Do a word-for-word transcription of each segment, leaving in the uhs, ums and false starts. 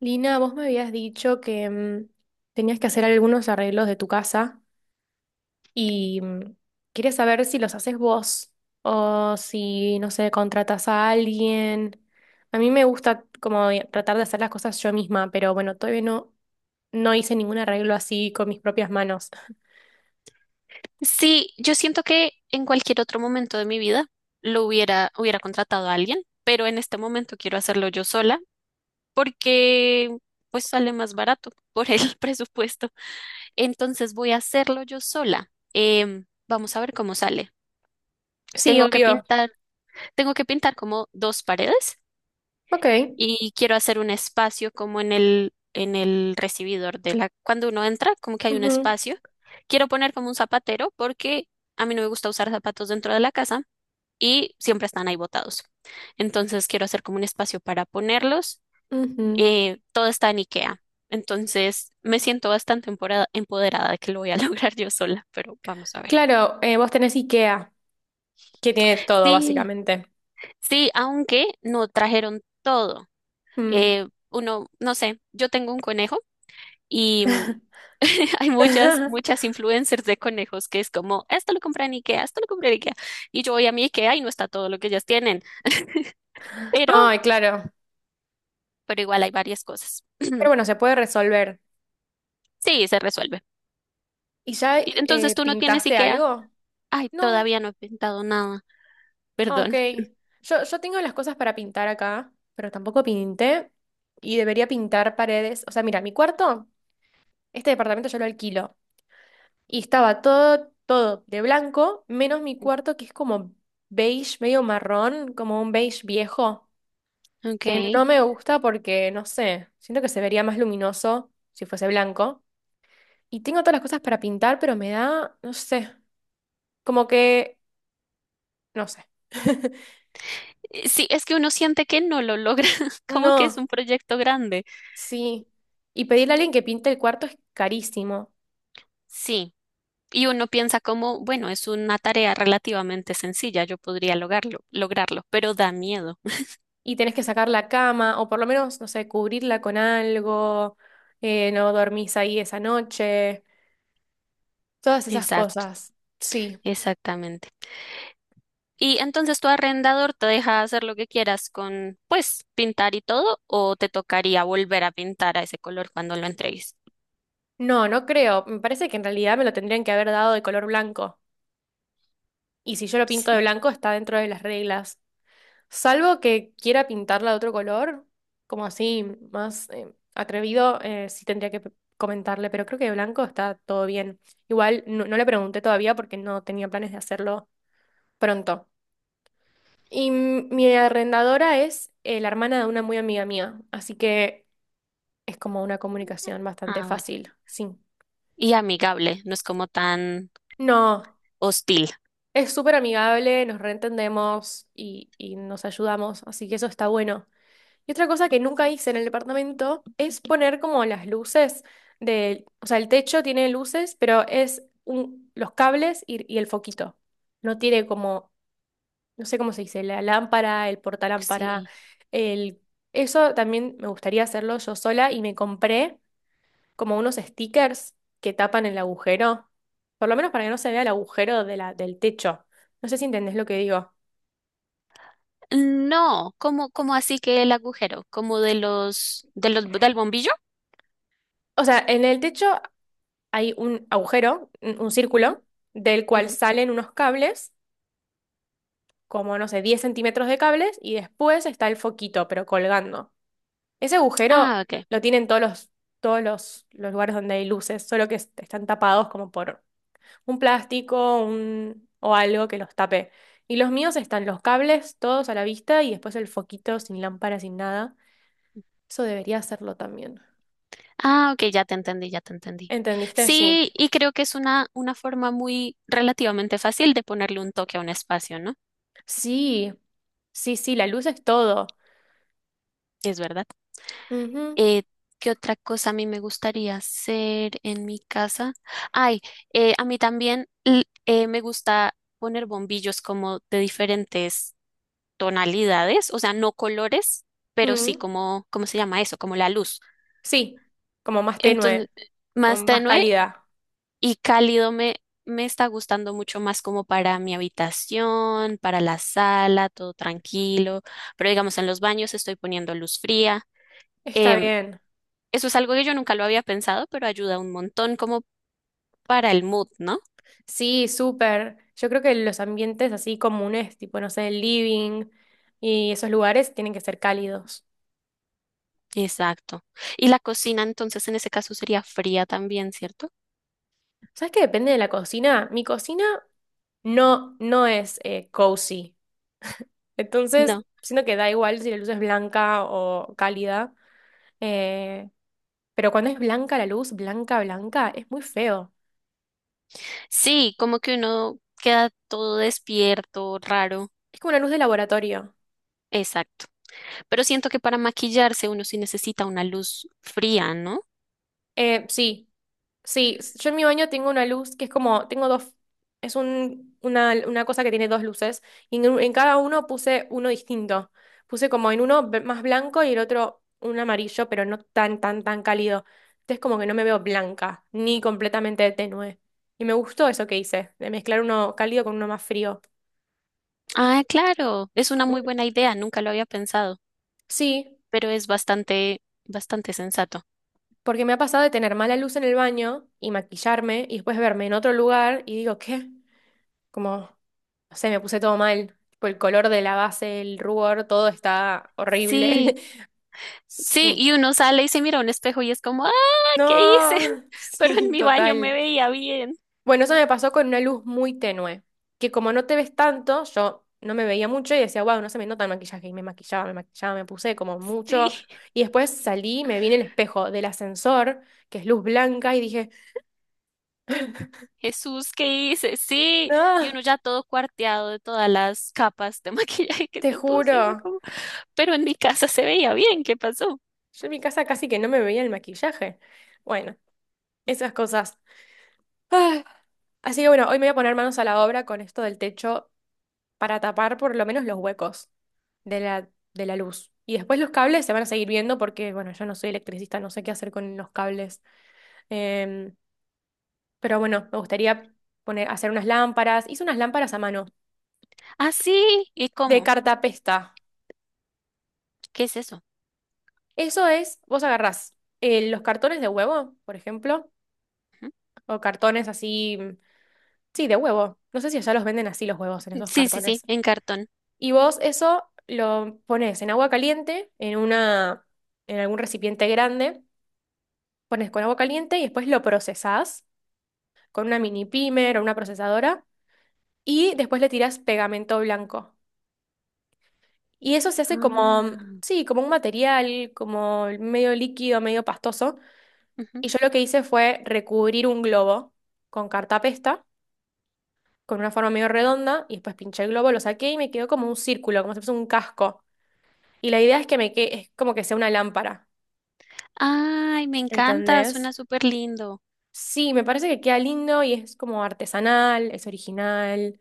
Lina, vos me habías dicho que mm, tenías que hacer algunos arreglos de tu casa y mm, quería saber si los haces vos o si, no sé, contratas a alguien. A mí me gusta como tratar de hacer las cosas yo misma, pero bueno, todavía no, no hice ningún arreglo así con mis propias manos. Sí, yo siento que en cualquier otro momento de mi vida lo hubiera, hubiera contratado a alguien, pero en este momento quiero hacerlo yo sola porque pues sale más barato por el presupuesto. Entonces voy a hacerlo yo sola. Em, vamos a ver cómo sale. Sí, Tengo que obvio. pintar, Tengo que pintar como dos paredes Ok. y quiero hacer un espacio como en el, en el recibidor de la, cuando uno entra, como que hay un espacio. Quiero poner como un zapatero porque a mí no me gusta usar zapatos dentro de la casa y siempre están ahí botados. Entonces quiero hacer como un espacio para ponerlos. Ujú, ujú. Eh, todo está en IKEA. Entonces me siento bastante empora- empoderada de que lo voy a lograr yo sola, pero vamos a ver. Claro, eh, vos tenés IKEA, que tiene todo Sí, básicamente. sí, aunque no trajeron todo. Mm. Eh, uno, no sé, yo tengo un conejo y mm, hay muchas, muchas influencers de conejos que es como, esto lo compré en IKEA, esto lo compré en IKEA. Y yo voy a mi IKEA y no está todo lo que ellas tienen, pero, Ay, claro. pero igual hay varias cosas. Pero bueno, se puede resolver. Sí, se resuelve. ¿Y ya Y entonces eh, tú no tienes pintaste IKEA. algo? Ay, No, todavía no he pintado nada. ah, ok. Perdón. Yo, yo tengo las cosas para pintar acá, pero tampoco pinté y debería pintar paredes. O sea, mira, mi cuarto, este departamento yo lo alquilo y estaba todo, todo de blanco, menos mi cuarto que es como beige, medio marrón, como un beige viejo, Ok. que no Eh, me gusta porque, no sé, siento que se vería más luminoso si fuese blanco. Y tengo todas las cosas para pintar, pero me da, no sé, como que, no sé. Sí, es que uno siente que no lo logra, como que es No, un proyecto grande. sí. Y pedirle a alguien que pinte el cuarto es carísimo. Sí. Y uno piensa como, bueno, es una tarea relativamente sencilla, yo podría lograrlo, lograrlo, pero da miedo. Y tenés que sacar la cama, o por lo menos, no sé, cubrirla con algo, eh, no dormís ahí esa noche, todas esas Exacto, cosas. Sí. exactamente. Y entonces tu arrendador te deja hacer lo que quieras con, pues, pintar y todo, o te tocaría volver a pintar a ese color cuando lo entregues. No, no creo. Me parece que en realidad me lo tendrían que haber dado de color blanco. Y si yo lo pinto de Sí. blanco, está dentro de las reglas. Salvo que quiera pintarla de otro color, como así, más eh, atrevido, eh, sí tendría que p- comentarle, pero creo que de blanco está todo bien. Igual no, no le pregunté todavía porque no tenía planes de hacerlo pronto. Y m- mi arrendadora es eh, la hermana de una muy amiga mía, así que es como una comunicación bastante Ah, bueno, fácil, sí. y amigable, no es como tan No, hostil. es súper amigable, nos reentendemos y, y nos ayudamos, así que eso está bueno. Y otra cosa que nunca hice en el departamento es poner como las luces del, o sea, el techo tiene luces, pero es un- los cables y, y el foquito. No tiene como, no sé cómo se dice, la lámpara, el portalámpara, Sí. el... Eso también me gustaría hacerlo yo sola y me compré como unos stickers que tapan el agujero, por lo menos para que no se vea el agujero de la, del techo. No sé si entendés lo que digo. No, como, como así que el agujero, como de los, de los, del bombillo. O sea, en el techo hay un agujero, un un Ujú, círculo, del cual ujú. salen unos cables, como no sé, diez centímetros de cables, y después está el foquito, pero colgando. Ese agujero Ah, ok. lo tienen todos los, todos los, los lugares donde hay luces, solo que est- están tapados como por un plástico un, o algo que los tape. Y los míos están los cables, todos a la vista, y después el foquito sin lámpara, sin nada. Eso debería hacerlo también. Ah, ok, ya te entendí, ya te entendí. ¿Entendiste? Sí. Sí, y creo que es una, una forma muy relativamente fácil de ponerle un toque a un espacio, ¿no? Sí, sí, sí, la luz es todo. Es verdad. Ujú. Eh, ¿Qué otra cosa a mí me gustaría hacer en mi casa? Ay, eh, a mí también l- eh, me gusta poner bombillos como de diferentes tonalidades, o sea, no colores, pero sí Mm. como, ¿cómo se llama eso? Como la luz. Sí, como más tenue Entonces, o más más tenue cálida. y cálido me, me está gustando mucho más como para mi habitación, para la sala, todo tranquilo, pero digamos en los baños estoy poniendo luz fría. Está Em, bien. Eso es algo que yo nunca lo había pensado, pero ayuda un montón como para el mood, ¿no? Sí, súper. Yo creo que los ambientes así comunes, tipo, no sé, el living y esos lugares tienen que ser cálidos. Exacto. Y la cocina entonces en ese caso sería fría también, ¿cierto? ¿Sabes qué depende de la cocina? Mi cocina no, no es eh, cozy. Entonces, No. siento que da igual si la luz es blanca o cálida. Eh, pero cuando es blanca la luz, blanca, blanca, es muy feo. Sí, como que uno queda todo despierto, raro. Es como una luz de laboratorio. Exacto. Pero siento que para maquillarse uno sí necesita una luz fría, ¿no? Eh, sí. Sí, s- yo en mi baño tengo una luz que es como, tengo dos, es un, una, una cosa que tiene dos luces y en, en cada uno puse uno distinto. Puse como en uno b- más blanco y el otro un amarillo, pero no tan, tan, tan cálido. Entonces como que no me veo blanca, ni completamente tenue. Y me gustó eso que hice, de mezclar uno cálido con uno más frío. Ah, claro, es una Mm, muy buena idea, nunca lo había pensado, sí, pero es bastante, bastante sensato. porque me ha pasado de tener mala luz en el baño y maquillarme y después verme en otro lugar y digo, ¿qué? Como, no sé, me puse todo mal. Tipo, el color de la base, el rubor, todo está horrible. Sí, sí, Sí. y uno sale y se mira a un espejo y es como, ah, ¿qué hice? No, Pero en sí, mi baño me total. veía bien. Bueno, eso me pasó con una luz muy tenue, que como no te ves tanto, yo no me veía mucho y decía, wow, no se me nota el maquillaje. Y me maquillaba, me maquillaba, me puse como Sí. mucho. Y después salí, y me vi en el espejo del ascensor, que es luz blanca, y dije, Jesús, ¿qué hice? Sí, y no, uno ya todo cuarteado de todas las capas de maquillaje que te se puso, y fue juro. como, pero en mi casa se veía bien, ¿qué pasó? Yo en mi casa casi que no me veía el maquillaje. Bueno, esas cosas. Así que bueno, hoy me voy a poner manos a la obra con esto del techo para tapar por lo menos los huecos de la, de la luz. Y después los cables se van a seguir viendo porque, bueno, yo no soy electricista, no sé qué hacer con los cables. Em, pero bueno, me gustaría poner, hacer unas lámparas. Hice unas lámparas a mano Ah, sí, ¿y de cómo? cartapesta. ¿Qué es eso? Eso es, vos agarrás eh, los cartones de huevo, por ejemplo, o cartones así, mm, sí, de huevo. No sé si allá los venden así los huevos en Ujú. esos Sí, sí, sí, cartones. en cartón. Y vos eso lo pones en agua caliente, en una, en algún recipiente grande, pones con agua caliente y después lo procesás con una mini pimer o una procesadora y después le tirás pegamento blanco. Y eso se hace como, Ah, sí, como un material, como medio líquido, medio pastoso. ujú. Y yo lo que hice fue recubrir un globo con cartapesta, con una forma medio redonda, y después pinché el globo, lo saqué y me quedó como un círculo, como si fuese un casco. Y la idea es que me que es como que sea una lámpara. Ay, me encanta, ¿Entendés? suena súper lindo. Sí, me parece que queda lindo y es como artesanal, es original.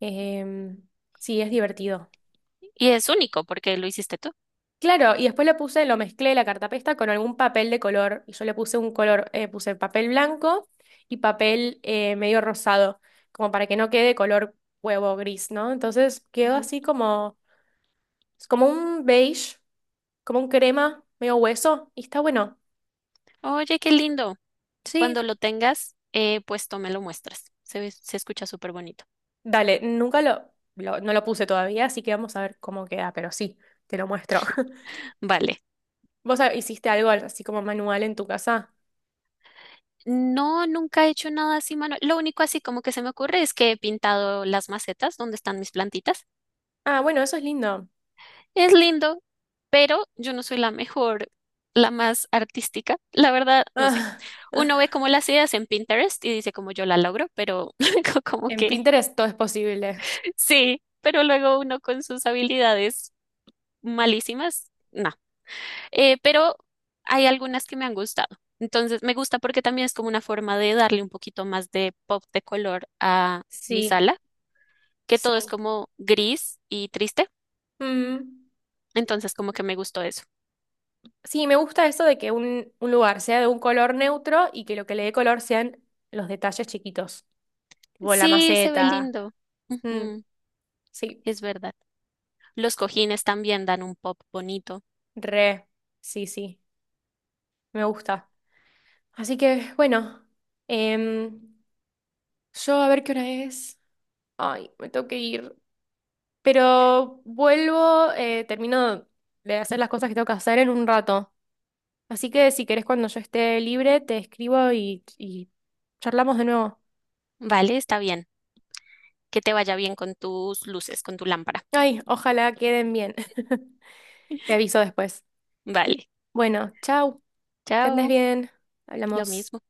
em, sí, es divertido. Y es único porque lo hiciste tú. Claro, y después le puse, lo mezclé la cartapesta con algún papel de color. Y yo le puse un color, eh, puse papel blanco y papel eh, medio rosado, como para que no quede color huevo gris, ¿no? Entonces quedó Ujú. así como, es como un beige, como un crema, medio hueso, y está bueno. Oye, qué lindo. Sí, Cuando lo tengas, eh, pues tú me lo muestras. Se ve- se escucha súper bonito. dale, nunca lo, lo- no lo puse todavía, así que vamos a ver cómo queda, pero sí, te lo muestro. Vale. ¿Vos ha- hiciste algo así como manual en tu casa? No, nunca he hecho nada así, mano. Lo único así como que se me ocurre es que he pintado las macetas donde están mis plantitas. Ah, bueno, eso es lindo. Es lindo, pero yo no soy la mejor, la más artística. La verdad, no sé. Ah, Uno ve como las ideas en Pinterest y dice como yo la logro, pero co- como en que Pinterest todo es posible. sí, pero luego uno con sus habilidades malísimas, no. Eh, pero hay algunas que me han gustado. Entonces, me gusta porque también es como una forma de darle un poquito más de pop de color a mi Sí, sala que todo es sí. como gris y triste. Mm, Entonces, como que me gustó eso. sí, me gusta eso de que un, un lugar sea de un color neutro y que lo que le dé color sean los detalles chiquitos, tipo la Sí, se ve maceta. lindo. Mm, Ujú, sí, es verdad. Los cojines también dan un pop bonito. re, sí, sí, me gusta. Así que, bueno. em, Yo a ver qué hora es. Ay, me tengo que ir. Pero vuelvo, eh, termino de hacer las cosas que tengo que hacer en un rato. Así que si querés cuando yo esté libre, te escribo y, y charlamos de nuevo. Vale, está bien. Que te vaya bien con tus luces, con tu lámpara. Ay, ojalá queden bien. Te aviso después. Vale. Bueno, chau. Que andes Chao. bien. Lo Hablamos. mismo.